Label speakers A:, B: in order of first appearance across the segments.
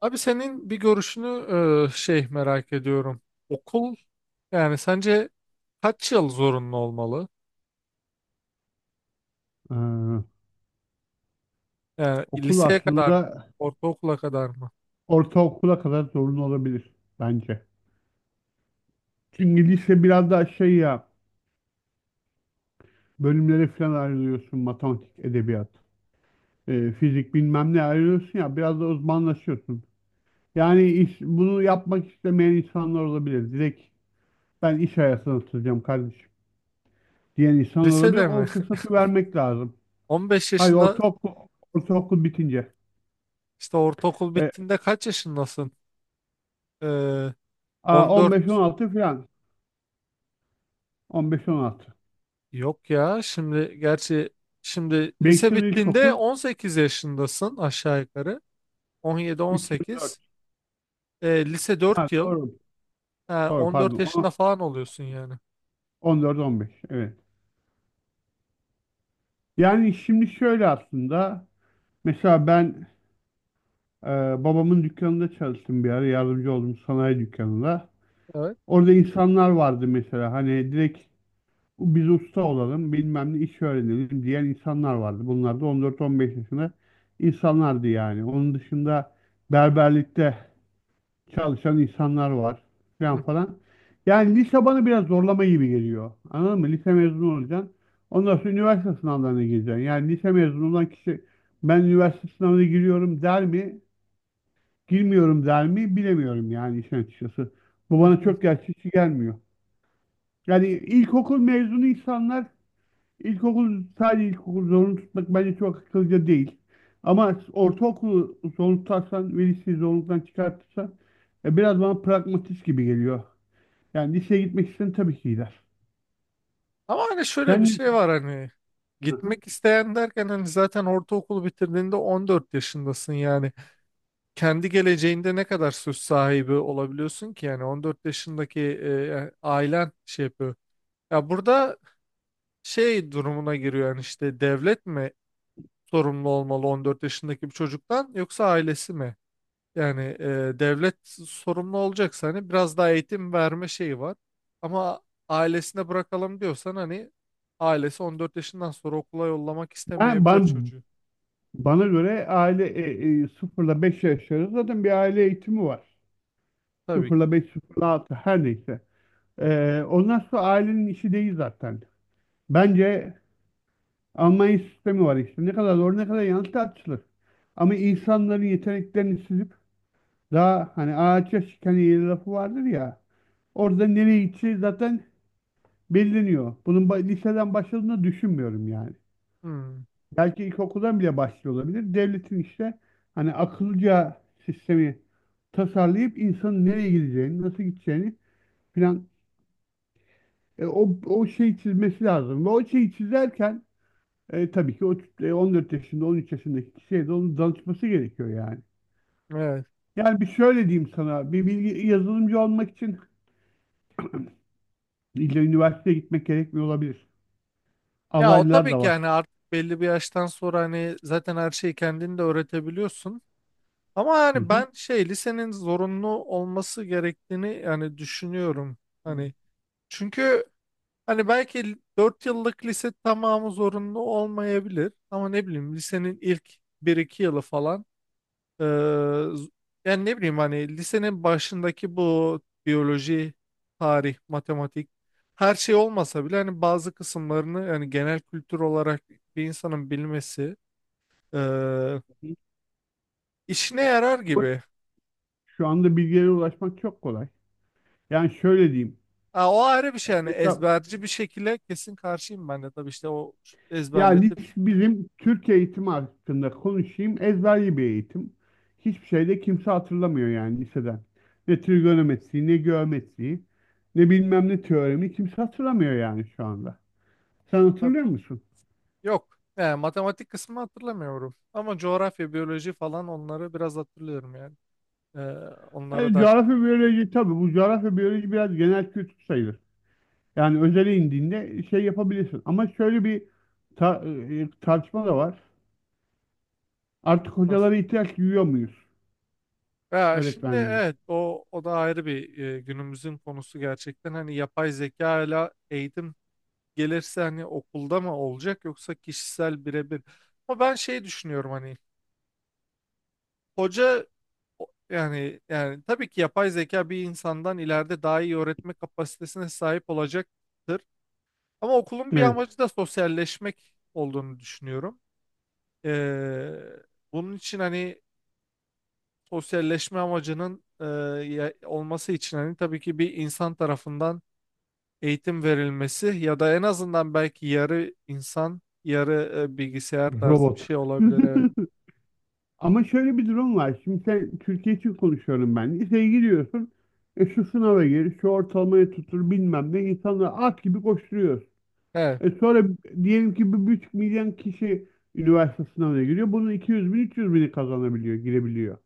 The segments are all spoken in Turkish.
A: Abi senin bir görüşünü şey merak ediyorum. Okul, yani sence kaç yıl zorunlu olmalı?
B: Ee,
A: Yani
B: Okul
A: liseye kadar mı?
B: aslında
A: Ortaokula kadar mı?
B: ortaokula kadar zorunlu olabilir bence. Çünkü lise biraz daha şey ya, bölümlere falan ayrılıyorsun. Matematik, edebiyat, fizik bilmem ne ayrılıyorsun ya, biraz da uzmanlaşıyorsun. Yani iş, bunu yapmak istemeyen insanlar olabilir. Direkt ben iş hayatına atılacağım kardeşim diyen insan olabilir.
A: Lisede
B: O
A: mi?
B: fırsatı vermek lazım.
A: 15
B: Hayır,
A: yaşında.
B: ortaokul, ortaokul bitince.
A: İşte ortaokul
B: E,
A: bittiğinde kaç yaşındasın? Ee, 14,
B: 15-16 falan. 15-16. Beş on altı.
A: yok ya. Şimdi gerçi şimdi
B: Beş
A: lise
B: yıl
A: bittiğinde
B: ilkokul,
A: 18 yaşındasın aşağı yukarı.
B: 3 yıl 4.
A: 17-18. Lise
B: Ha,
A: 4 yıl.
B: doğru.
A: Ha,
B: Doğru,
A: 14
B: pardon.
A: yaşında falan oluyorsun yani.
B: 14-15, evet. Yani şimdi şöyle aslında, mesela ben, e, babamın dükkanında çalıştım bir ara, yardımcı oldum sanayi dükkanında.
A: Evet.
B: Orada insanlar vardı, mesela hani direkt biz usta olalım, bilmem ne iş öğrenelim diyen insanlar vardı. Bunlar da 14-15 yaşında insanlardı yani. Onun dışında berberlikte çalışan insanlar var
A: Hı
B: falan
A: hı.
B: falan. Yani lise bana biraz zorlama gibi geliyor. Anladın mı? Lise mezunu olacaksın. Ondan sonra üniversite sınavlarına gireceksin. Yani lise mezunu olan kişi ben üniversite sınavına giriyorum der mi? Girmiyorum der mi? Bilemiyorum yani işin açıkçası. Bu
A: Hı
B: bana
A: hı.
B: çok gerçekçi gelmiyor. Yani ilkokul mezunu insanlar, İlkokul sadece ilkokul zorunlu tutmak bence çok akıllıca değil. Ama ortaokulu zorunlu tutarsan ve liseyi zorunluluktan çıkartırsan biraz bana pragmatist gibi geliyor. Yani liseye gitmek isteyen tabii ki gider.
A: Ama hani şöyle bir
B: Sen ne-
A: şey var, hani
B: Hı.
A: gitmek isteyen derken, hani zaten ortaokulu bitirdiğinde 14 yaşındasın yani. Kendi geleceğinde ne kadar söz sahibi olabiliyorsun ki yani? 14 yaşındaki ailen şey yapıyor. Ya burada şey durumuna giriyor yani, işte devlet mi sorumlu olmalı 14 yaşındaki bir çocuktan, yoksa ailesi mi? Yani devlet sorumlu olacaksa hani biraz daha eğitim verme şeyi var. Ama ailesine bırakalım diyorsan, hani ailesi 14 yaşından sonra okula yollamak
B: ben,
A: istemeyebilir
B: ben-
A: çocuğu.
B: Bana göre aile, 0 5 yaş arası zaten bir aile eğitimi var.
A: Tabii ki.
B: 0 5, 0 altı, her neyse. Ondan sonra ailenin işi değil zaten. Bence Almanya sistemi var işte. Ne kadar doğru, ne kadar yanlış, tartışılır. Ama insanların yeteneklerini süzüp, daha hani ağaç şiken yeri lafı vardır ya. Orada nereye gideceği zaten belirleniyor. Liseden başladığını düşünmüyorum yani.
A: Hmm,
B: Belki ilkokuldan bile başlıyor olabilir. Devletin işte hani akıllıca sistemi tasarlayıp, insanın nereye gideceğini, nasıl gideceğini filan, o şeyi çizmesi lazım. Ve o şeyi çizerken, tabii ki o 14 yaşında, 13 yaşındaki kişiye de onun danışması gerekiyor yani.
A: evet.
B: Yani bir şöyle diyeyim sana, bir bilgi yazılımcı olmak için illa üniversiteye gitmek gerekmiyor olabilir.
A: Ya o
B: Alaylılar
A: tabii
B: da
A: ki,
B: var.
A: yani artık belli bir yaştan sonra hani zaten her şeyi kendin de öğretebiliyorsun. Ama
B: Hı
A: yani
B: hı.
A: ben şey, lisenin zorunlu olması gerektiğini yani düşünüyorum. Hani çünkü, hani belki 4 yıllık lise tamamı zorunlu olmayabilir, ama ne bileyim lisenin ilk bir iki yılı falan, eee, z- yani ne bileyim, hani lisenin başındaki bu biyoloji, tarih, matematik, her şey olmasa bile hani bazı kısımlarını, yani genel kültür olarak bir insanın bilmesi eee, işine yarar
B: Ama
A: gibi.
B: Şu anda bilgilere ulaşmak çok kolay. Yani şöyle diyeyim.
A: Ha, o ayrı bir şey. Yani
B: Mesela,
A: ezberci bir şekilde kesin karşıyım ben de tabii, işte o ezberletip
B: bizim Türk eğitimi hakkında konuşayım. Ezberli bir eğitim. Hiçbir şeyde kimse hatırlamıyor yani, liseden. Ne trigonometriyi, ne geometriyi, ne bilmem ne teoremi kimse hatırlamıyor yani şu anda. Sen
A: tabii.
B: hatırlıyor musun?
A: Yok, yani matematik kısmını hatırlamıyorum. Ama coğrafya, biyoloji falan, onları biraz hatırlıyorum yani. Ee, onlara
B: Yani
A: daha çok
B: coğrafya, biyoloji, tabii bu coğrafya biyoloji biraz genel kültür sayılır. Yani özele indiğinde şey yapabilirsin. Ama şöyle bir tartışma da var. Artık
A: nasıl.
B: hocalara ihtiyaç duyuyor muyuz?
A: Ya şimdi
B: Öğretmenlere.
A: evet, o da ayrı bir günümüzün konusu gerçekten. Hani yapay zeka ile eğitim gelirse hani okulda mı olacak, yoksa kişisel birebir. Ama ben şey düşünüyorum, hani hoca yani tabii ki yapay zeka bir insandan ileride daha iyi öğretme kapasitesine sahip olacaktır. Ama okulun bir
B: Evet.
A: amacı da sosyalleşmek olduğunu düşünüyorum. Ee, bunun için hani sosyalleşme amacının, olması için hani tabii ki bir insan tarafından eğitim verilmesi, ya da en azından belki yarı insan, yarı bilgisayar tarzı bir
B: Robot.
A: şey olabilir. Evet.
B: Ama şöyle bir durum var. Şimdi sen, Türkiye için konuşuyorum ben, liseye giriyorsun. E, şu sınava gir, şu ortalamaya tutur, bilmem ne. İnsanlar at gibi koşturuyor.
A: He.
B: E sonra diyelim ki 1,5 milyon kişi üniversite sınavına giriyor. Bunun 200 bin, 300 bini kazanabiliyor, girebiliyor.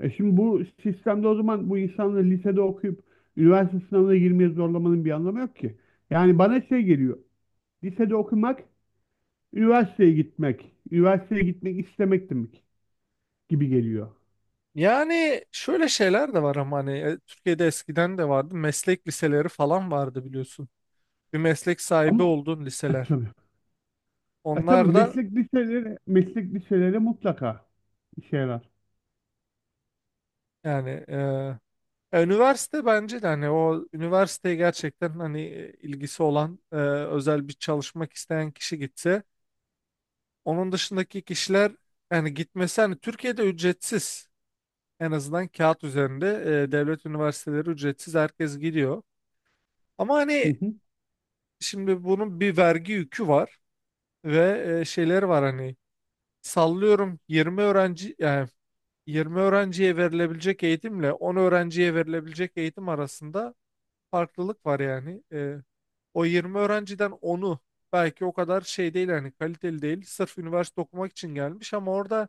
B: E şimdi bu sistemde o zaman bu insanları lisede okuyup üniversite sınavına girmeye zorlamanın bir anlamı yok ki. Yani bana şey geliyor, lisede okumak üniversiteye gitmek, üniversiteye gitmek istemek demek gibi geliyor.
A: Yani şöyle şeyler de var ama, hani Türkiye'de eskiden de vardı. Meslek liseleri falan vardı, biliyorsun. Bir meslek sahibi
B: Ama
A: olduğun liseler.
B: tabii. E, tabii
A: Onlar da
B: meslek liseleri, meslek liseleri mutlaka işe yarar.
A: yani ya, üniversite bence de, hani o üniversiteye gerçekten hani ilgisi olan, özel bir çalışmak isteyen kişi gitse, onun dışındaki kişiler yani gitmesi, hani Türkiye'de ücretsiz, en azından kağıt üzerinde devlet üniversiteleri ücretsiz, herkes gidiyor. Ama
B: Hı
A: hani
B: hı.
A: şimdi bunun bir vergi yükü var ve şeyleri var. Hani sallıyorum 20 öğrenci yani, 20 öğrenciye verilebilecek eğitimle 10 öğrenciye verilebilecek eğitim arasında farklılık var yani. O 20 öğrenciden onu belki o kadar şey değil, yani kaliteli değil. Sırf üniversite okumak için gelmiş, ama orada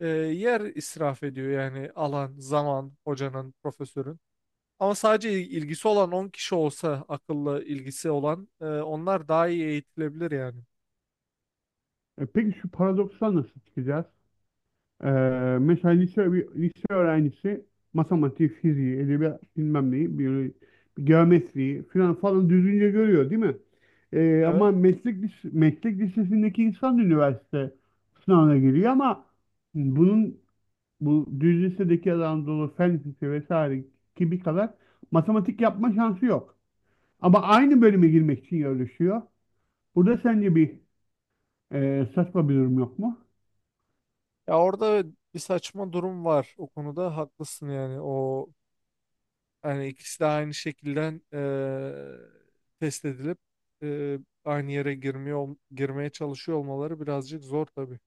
A: yer israf ediyor yani; alan, zaman, hocanın, profesörün. Ama sadece ilgisi olan 10 kişi olsa, akıllı ilgisi olan, onlar daha iyi eğitilebilir yani.
B: E, peki şu paradoksla nasıl çıkacağız? Ee, Mesela lise, bir lise öğrencisi matematik, fiziği, edebiyat bilmem neyi, biyoloji, geometriyi falan falan düzgünce görüyor değil mi?
A: Evet.
B: Ama meslek lisesindeki insan da üniversite sınavına giriyor, ama bunun bu düz lisedeki Anadolu Fen Lisesi vesaire gibi kadar matematik yapma şansı yok. Ama aynı bölüme girmek için yarışıyor. Burada sence bir saçma bir durum yok mu?
A: Ya orada bir saçma durum var, o konuda haklısın yani. O, hani ikisi de aynı şekilde test edilip eee, aynı yere girmeye çalışıyor olmaları birazcık zor tabii.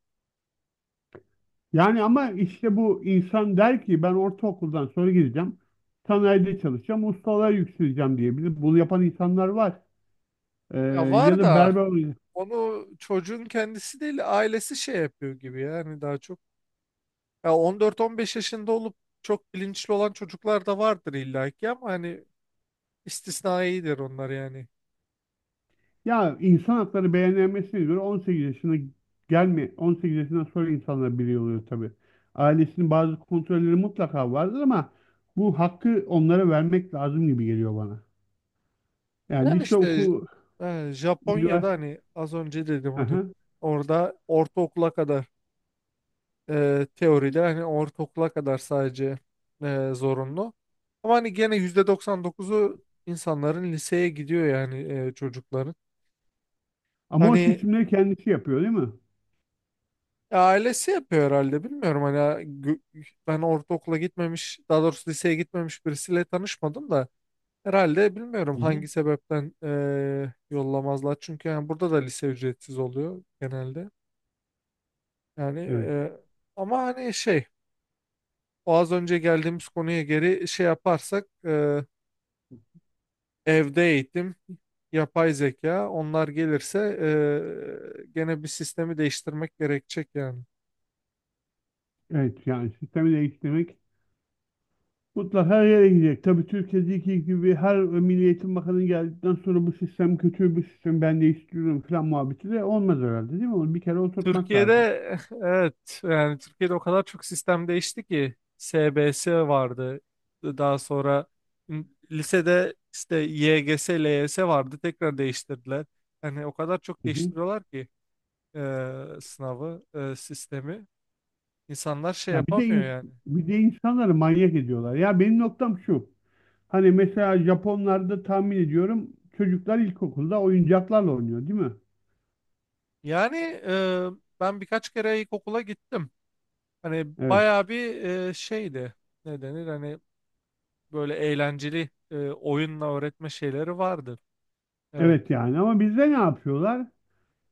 B: Yani ama işte bu insan der ki ben ortaokuldan sonra gideceğim. Sanayide çalışacağım. Ustalığa yükseleceğim diyebilir. Bunu yapan insanlar var. Ee,
A: Ya
B: Ya
A: var
B: da
A: da,
B: berber.
A: onu çocuğun kendisi değil ailesi şey yapıyor gibi yani, daha çok. Ya 14-15 yaşında olup çok bilinçli olan çocuklar da vardır illaki, ama hani istisnaidir onlar yani.
B: Ya, insan hakları beyannamesin'e göre 18 yaşına gelme, 18 yaşından sonra insanlar birey oluyor tabii. Ailesinin bazı kontrolleri mutlaka vardır, ama bu hakkı onlara vermek lazım gibi geliyor bana. Yani
A: Yani
B: lise
A: işte
B: oku,
A: Japonya'da,
B: üniversite.
A: hani az önce dedim, hani
B: Aha.
A: orada ortaokula kadar, teoride hani ortaokula kadar sadece zorunlu. Ama hani gene %99'u insanların liseye gidiyor yani, çocukların.
B: Ama o
A: Hani
B: seçimleri kendisi yapıyor değil mi?
A: ailesi yapıyor herhalde, bilmiyorum. Hani gö- ben ortaokula gitmemiş, daha doğrusu liseye gitmemiş birisiyle tanışmadım da, herhalde bilmiyorum
B: Hı hı.
A: hangi sebepten yollamazlar. Çünkü yani burada da lise ücretsiz oluyor genelde. Yani
B: Evet.
A: ama hani şey, o az önce geldiğimiz konuya geri şey yaparsak, evde eğitim, yapay zeka, onlar gelirse gene bir sistemi değiştirmek gerekecek yani.
B: Evet yani, sistemi değiştirmek mutlaka her yere gidecek. Tabii Türkiye'deki gibi her Milli Eğitim Bakanı geldikten sonra bu sistem kötü bir sistem, ben değiştiriyorum falan muhabbeti de olmaz herhalde, değil mi? Onu bir kere oturtmak
A: Türkiye'de
B: lazım.
A: evet, yani Türkiye'de o kadar çok sistem değişti ki SBS vardı. Daha sonra lisede işte YGS, LYS vardı. Tekrar değiştirdiler. Yani o kadar çok
B: Hı hı.
A: değiştiriyorlar ki sınavı, sistemi. İnsanlar şey
B: Ya bir de
A: yapamıyor
B: ins-
A: yani.
B: Bir de insanları manyak ediyorlar. Ya benim noktam şu: hani mesela Japonlarda tahmin ediyorum çocuklar ilkokulda oyuncaklarla oynuyor, değil mi?
A: Yani eee, ben birkaç kere ilkokula gittim. Hani
B: Evet.
A: bayağı bir şeydi. Ne denir? Hani böyle eğlenceli oyunla öğretme şeyleri vardı. Evet.
B: Evet yani, ama bizde ne yapıyorlar?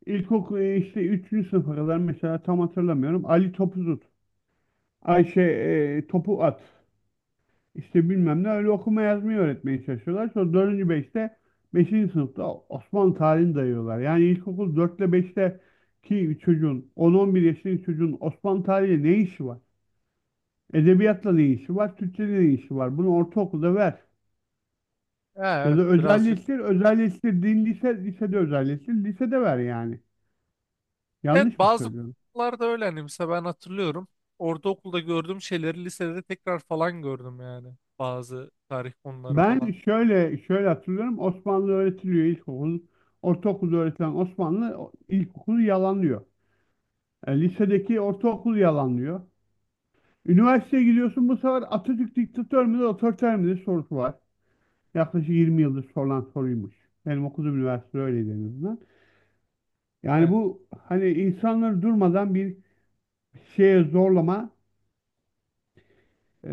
B: İlkokul, işte üçüncü sınıfa kadar, mesela tam hatırlamıyorum, Ali topu tut, Ayşe topu at, İşte bilmem ne, öyle okuma yazmayı öğretmeye çalışıyorlar. Sonra dördüncü beşte beşinci sınıfta Osmanlı tarihini dayıyorlar. Yani ilkokul 4 ile 5'te ki çocuğun, on on bir yaşındaki çocuğun, Osmanlı tarihiyle ne işi var? Edebiyatla ne işi var? Türkçeyle ne işi var? Bunu ortaokulda ver.
A: Ha,
B: Ya
A: evet,
B: da
A: birazcık.
B: özelleştir, özelleştir. Lisede özelleştir. Lisede ver yani.
A: Evet,
B: Yanlış mı
A: bazı
B: söylüyorum?
A: okullarda öyle, hani mesela ben hatırlıyorum. Ortaokulda gördüğüm şeyleri lisede tekrar falan gördüm yani. Bazı tarih konuları
B: Ben
A: falan.
B: şöyle hatırlıyorum. Osmanlı öğretiliyor ilkokul. Ortaokulda öğretilen Osmanlı ilkokulu yalanlıyor. E, lisedeki ortaokul yalanlıyor. Üniversiteye gidiyorsun, bu sefer Atatürk diktatör müdür, otoriter midir sorusu var. Yaklaşık 20 yıldır sorulan soruymuş. Benim okuduğum üniversite öyleydi en azından. Yani
A: Evet.
B: bu hani insanları durmadan bir şeye zorlama Ee,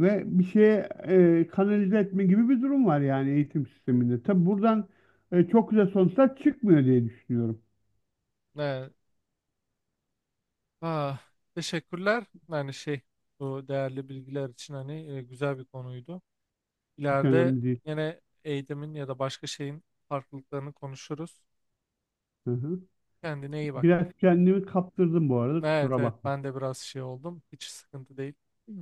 B: ve bir şeye kanalize etme gibi bir durum var yani eğitim sisteminde. Tabi buradan çok güzel sonuçlar çıkmıyor diye düşünüyorum.
A: Evet. Ah, teşekkürler. Yani şey, bu değerli bilgiler için, hani güzel bir konuydu.
B: Hiç
A: İleride
B: önemli değil.
A: yine eğitimin ya da başka şeyin farklılıklarını konuşuruz.
B: Hı hı.
A: Kendine iyi bak.
B: Biraz kendimi kaptırdım bu arada,
A: Evet,
B: kusura
A: evet,
B: bakma.
A: ben de biraz şey oldum. Hiç sıkıntı değil. Hı.